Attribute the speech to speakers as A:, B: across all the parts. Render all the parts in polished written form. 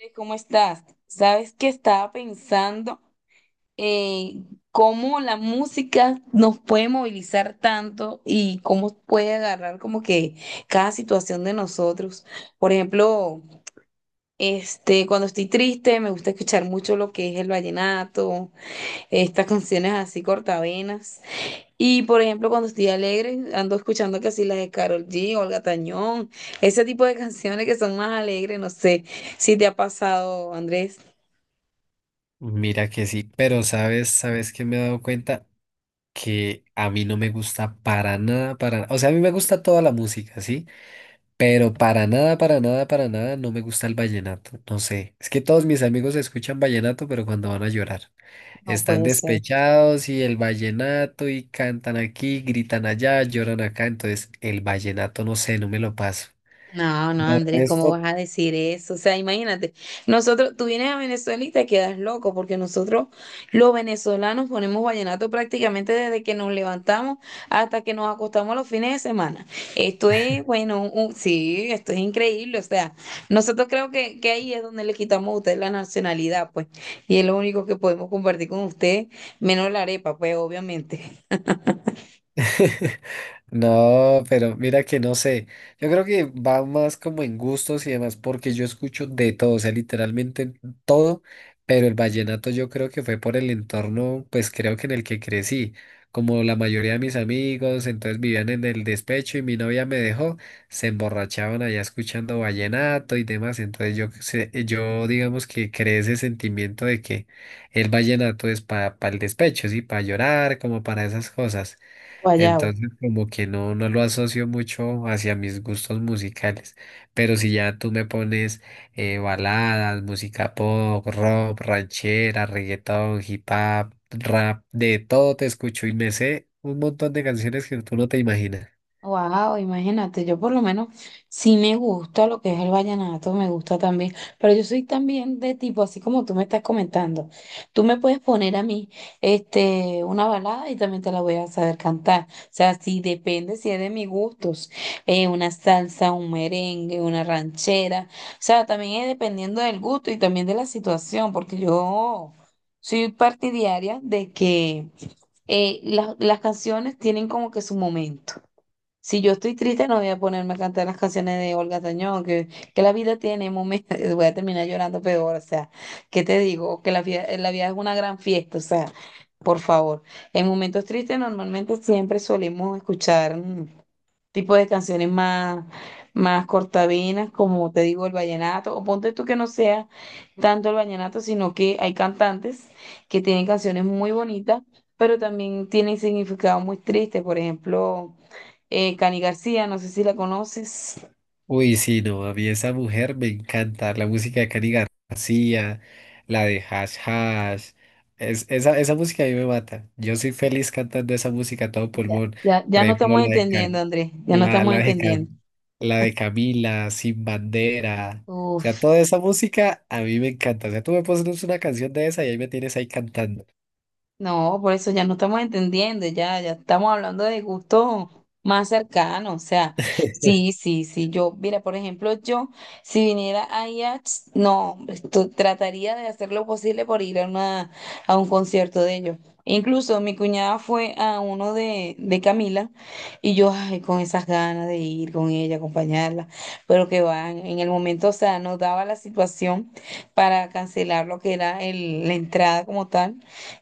A: ¿Cómo estás? Sabes que estaba pensando en cómo la música nos puede movilizar tanto y cómo puede agarrar como que cada situación de nosotros. Por ejemplo, cuando estoy triste me gusta escuchar mucho lo que es el vallenato, estas canciones así cortavenas. Y por ejemplo, cuando estoy alegre ando escuchando casi las de Karol G, Olga Tañón, ese tipo de canciones que son más alegres, no sé si te ha pasado, Andrés.
B: Mira que sí, pero sabes que me he dado cuenta que a mí no me gusta para nada, para nada. O sea, a mí me gusta toda la música, ¿sí? Pero para nada, para nada, para nada no me gusta el vallenato. No sé. Es que todos mis amigos escuchan vallenato, pero cuando van a llorar.
A: No
B: Están
A: puede ser.
B: despechados y el vallenato y cantan aquí, gritan allá, lloran acá. Entonces, el vallenato, no sé, no me lo paso.
A: No, no,
B: De
A: Andrés, ¿cómo
B: resto,
A: vas a decir eso? O sea, imagínate, nosotros, tú vienes a Venezuela y te quedas loco, porque nosotros, los venezolanos, ponemos vallenato prácticamente desde que nos levantamos hasta que nos acostamos los fines de semana. Esto es, bueno, sí, esto es increíble. O sea, nosotros creo que ahí es donde le quitamos a ustedes la nacionalidad, pues, y es lo único que podemos compartir con ustedes, menos la arepa, pues, obviamente.
B: no, pero mira que no sé. Yo creo que va más como en gustos y demás, porque yo escucho de todo, o sea, literalmente todo, pero el vallenato yo creo que fue por el entorno, pues creo que en el que crecí. Como la mayoría de mis amigos, entonces vivían en el despecho y mi novia me dejó, se emborrachaban allá escuchando vallenato y demás. Entonces yo digamos que creé ese sentimiento de que el vallenato es para el despecho, sí, para llorar, como para esas cosas.
A: Guayabo.
B: Entonces, como que no lo asocio mucho hacia mis gustos musicales. Pero si ya tú me pones baladas, música pop, rock, ranchera, reggaetón, hip hop, rap, de todo te escucho y me sé un montón de canciones que tú no te imaginas.
A: Wow, imagínate, yo por lo menos sí me gusta lo que es el vallenato, me gusta también, pero yo soy también de tipo, así como tú me estás comentando, tú me puedes poner a mí una balada y también te la voy a saber cantar, o sea, sí depende si es de mis gustos, una salsa, un merengue, una ranchera, o sea, también es dependiendo del gusto y también de la situación, porque yo soy partidaria de que las canciones tienen como que su momento. Si yo estoy triste, no voy a ponerme a cantar las canciones de Olga Tañón, que la vida tiene momentos, voy a terminar llorando peor, o sea, ¿qué te digo? Que la vida es una gran fiesta, o sea, por favor. En momentos tristes normalmente siempre solemos escuchar tipo de canciones más cortavenas, como te digo, el vallenato, o ponte tú que no sea tanto el vallenato, sino que hay cantantes que tienen canciones muy bonitas, pero también tienen significado muy triste, por ejemplo, Cani García, no sé si la conoces.
B: Uy, sí, no, a mí esa mujer me encanta. La música de Cani García, la de Hash Hash. Esa, esa música a mí me mata. Yo soy feliz cantando esa música a todo
A: Ya,
B: pulmón.
A: ya,
B: Por
A: ya no
B: ejemplo,
A: estamos entendiendo, Andrés, ya no
B: La,
A: estamos
B: la de
A: entendiendo.
B: Cam- la de Camila, Sin Bandera. O sea,
A: Uf.
B: toda esa música a mí me encanta. O sea, tú me pones una canción de esa y ahí me tienes ahí cantando.
A: No, por eso ya no estamos entendiendo, ya, ya estamos hablando de gustos más cercanos, o sea, sí, sí, sí, yo, mira, por ejemplo, yo, si viniera a IAX, no, hombre, trataría de hacer lo posible por ir a una, a un concierto de ellos. Incluso mi cuñada fue a uno de Camila y yo, ay, con esas ganas de ir con ella, acompañarla, pero que van, en el momento, o sea, nos daba la situación para cancelar lo que era la entrada como tal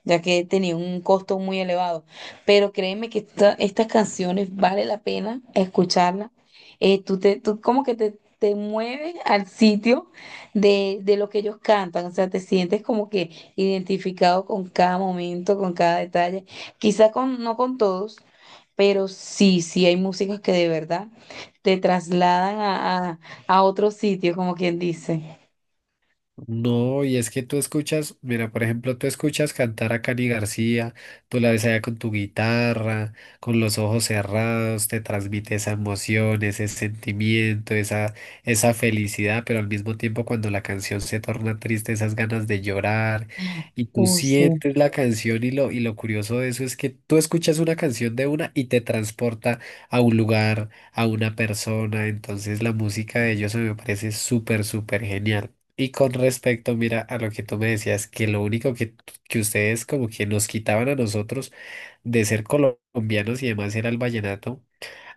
A: ya que tenía un costo muy elevado. Pero créeme que estas canciones vale la pena escucharlas. Tú como que te mueves al sitio de lo que ellos cantan, o sea, te sientes como que identificado con cada momento, con cada detalle, quizá con, no con todos. Pero sí, sí hay músicas que de verdad te trasladan a otro sitio, como quien dice.
B: No, y es que tú escuchas, mira, por ejemplo, tú escuchas cantar a Cani García, tú la ves allá con tu guitarra, con los ojos cerrados, te transmite esa emoción, ese sentimiento, esa felicidad, pero al mismo tiempo cuando la canción se torna triste, esas ganas de llorar, y tú
A: Oh, sí.
B: sientes la canción y lo curioso de eso es que tú escuchas una canción de una y te transporta a un lugar, a una persona, entonces la música de ellos me parece súper, súper genial. Y con respecto, mira, a lo que tú me decías, que ustedes como que nos quitaban a nosotros de ser colombianos y demás era el vallenato,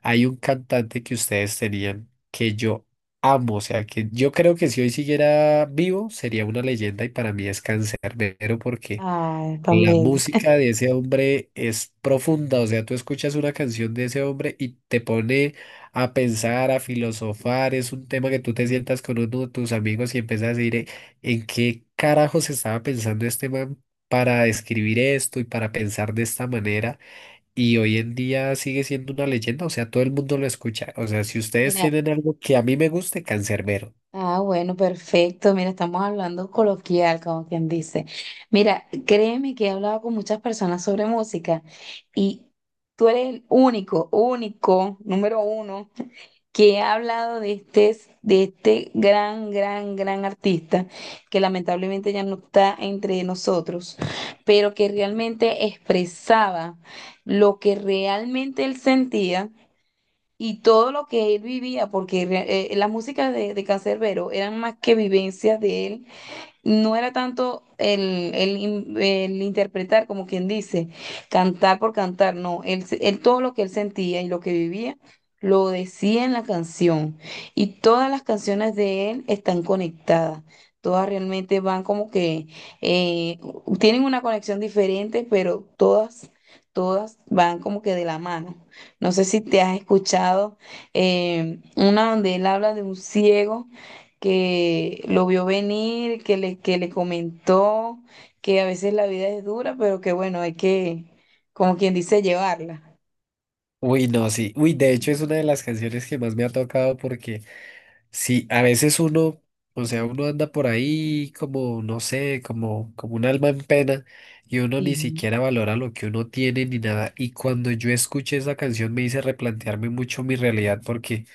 B: hay un cantante que ustedes tenían que yo amo, o sea, que yo creo que si hoy siguiera vivo sería una leyenda y para mí es Canserbero porque
A: Ay, tan
B: la
A: bello.
B: música de ese hombre es profunda, o sea, tú escuchas una canción de ese hombre y te pone a pensar, a filosofar, es un tema que tú te sientas con uno de tus amigos y empiezas a decir, ¿en qué carajos estaba pensando este man para escribir esto y para pensar de esta manera?" Y hoy en día sigue siendo una leyenda, o sea, todo el mundo lo escucha, o sea, si ustedes
A: Mira,
B: tienen algo que a mí me guste, Canserbero.
A: ah, bueno, perfecto. Mira, estamos hablando coloquial, como quien dice. Mira, créeme que he hablado con muchas personas sobre música y tú eres el único, único, número uno, que ha hablado de este gran, gran, gran artista que lamentablemente ya no está entre nosotros, pero que realmente expresaba lo que realmente él sentía y todo lo que él vivía, porque las músicas de Canserbero eran más que vivencias de él, no era tanto el, el interpretar, como quien dice, cantar por cantar, no, él todo lo que él sentía y lo que vivía lo decía en la canción. Y todas las canciones de él están conectadas, todas realmente van como que eh, tienen una conexión diferente, pero todas van como que de la mano. No sé si te has escuchado una donde él habla de un ciego que lo vio venir, que le comentó que a veces la vida es dura, pero que bueno, hay que, como quien dice, llevarla.
B: Uy, no, sí, uy, de hecho es una de las canciones que más me ha tocado porque... Sí, a veces uno, o sea, uno anda por ahí como, no sé, como un alma en pena y uno
A: Sí,
B: ni siquiera valora lo que uno tiene ni nada. Y cuando yo escuché esa canción me hice replantearme mucho mi realidad porque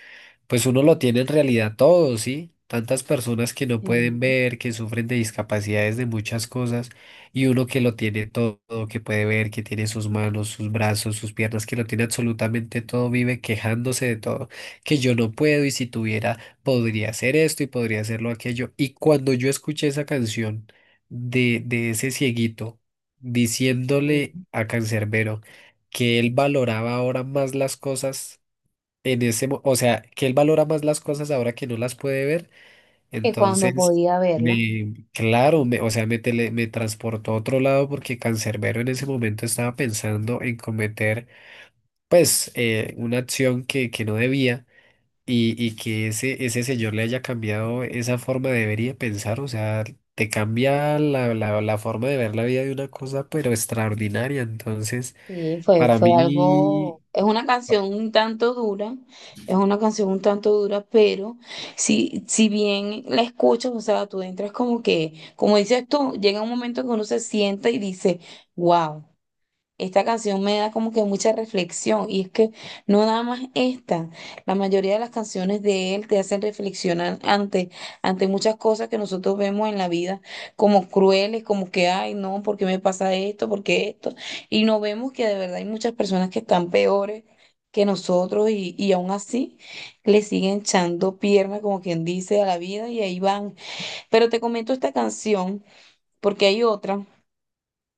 B: pues uno lo tiene en realidad todo, ¿sí? Tantas personas que no pueden
A: sí,
B: ver, que sufren de discapacidades de muchas cosas, y uno que lo tiene todo, que puede ver, que tiene sus manos, sus brazos, sus piernas, que lo tiene absolutamente todo, vive quejándose de todo, que yo no puedo y si tuviera, podría hacer esto y podría hacerlo aquello. Y cuando yo escuché esa canción de ese cieguito
A: sí.
B: diciéndole a Cancerbero que él valoraba ahora más las cosas, en o sea, que él valora más las cosas ahora que no las puede ver,
A: Que cuando
B: entonces,
A: podía verla,
B: me, claro, me, o sea, me, tele- me transportó a otro lado porque Cancerbero en ese momento estaba pensando en cometer, pues, una acción que no debía y que ese señor le haya cambiado esa forma de ver y de pensar, o sea, te cambia la forma de ver la vida de una cosa, pero extraordinaria, entonces,
A: sí, fue,
B: para
A: fue
B: mí...
A: algo, es una canción un tanto dura, es una canción un tanto dura, pero si bien la escuchas, o sea, tú entras como que, como dices tú, llega un momento que uno se sienta y dice, wow. Esta canción me da como que mucha reflexión y es que no nada más esta, la mayoría de las canciones de él te hacen reflexionar ante muchas cosas que nosotros vemos en la vida como crueles, como que, ay, no, ¿por qué me pasa esto? ¿Por qué esto? Y no vemos que de verdad hay muchas personas que están peores que nosotros y aún así le siguen echando pierna, como quien dice, a la vida y ahí van. Pero te comento esta canción porque hay otra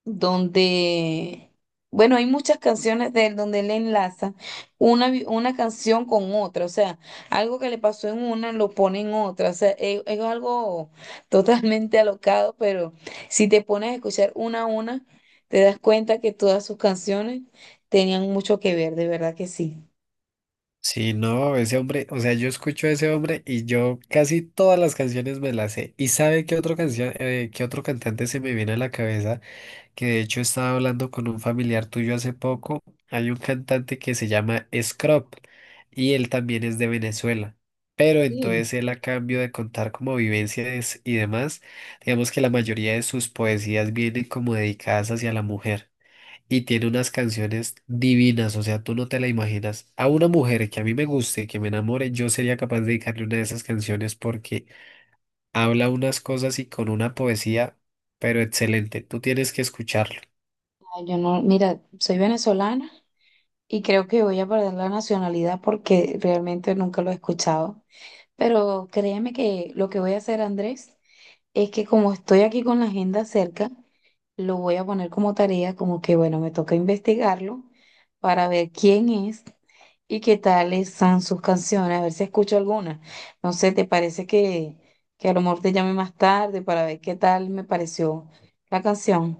A: donde, bueno, hay muchas canciones de él donde él enlaza una canción con otra, o sea, algo que le pasó en una lo pone en otra, o sea, es algo totalmente alocado, pero si te pones a escuchar una a una, te das cuenta que todas sus canciones tenían mucho que ver, de verdad que sí.
B: Sí, no, ese hombre, o sea, yo escucho a ese hombre y yo casi todas las canciones me las sé. ¿Y sabe qué otro canción, qué otro cantante se me viene a la cabeza? Que de hecho estaba hablando con un familiar tuyo hace poco. Hay un cantante que se llama Scrop y él también es de Venezuela. Pero
A: Sí.
B: entonces él a cambio de contar como vivencias y demás, digamos que la mayoría de sus poesías vienen como dedicadas hacia la mujer y tiene unas canciones divinas, o sea, tú no te la imaginas. A una mujer que a mí me guste, que me enamore, yo sería capaz de dedicarle una de esas canciones porque habla unas cosas y con una poesía, pero excelente. Tú tienes que escucharlo.
A: Ay, yo no, mira, soy venezolana y creo que voy a perder la nacionalidad porque realmente nunca lo he escuchado. Pero créeme que lo que voy a hacer, Andrés, es que como estoy aquí con la agenda cerca, lo voy a poner como tarea, como que bueno, me toca investigarlo para ver quién es y qué tales son sus canciones, a ver si escucho alguna. No sé, ¿te parece que a lo mejor te llame más tarde para ver qué tal me pareció la canción?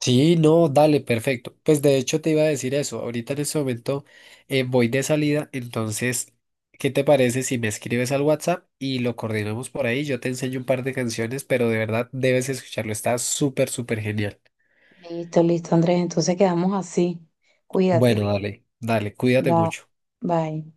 B: Sí, no, dale, perfecto. Pues de hecho te iba a decir eso. Ahorita en este momento voy de salida, entonces, ¿qué te parece si me escribes al WhatsApp y lo coordinamos por ahí? Yo te enseño un par de canciones, pero de verdad debes escucharlo. Está súper, súper genial.
A: Listo, listo, Andrés, entonces quedamos así. Cuídate.
B: Bueno, dale, dale, cuídate
A: Bye.
B: mucho.
A: Bye.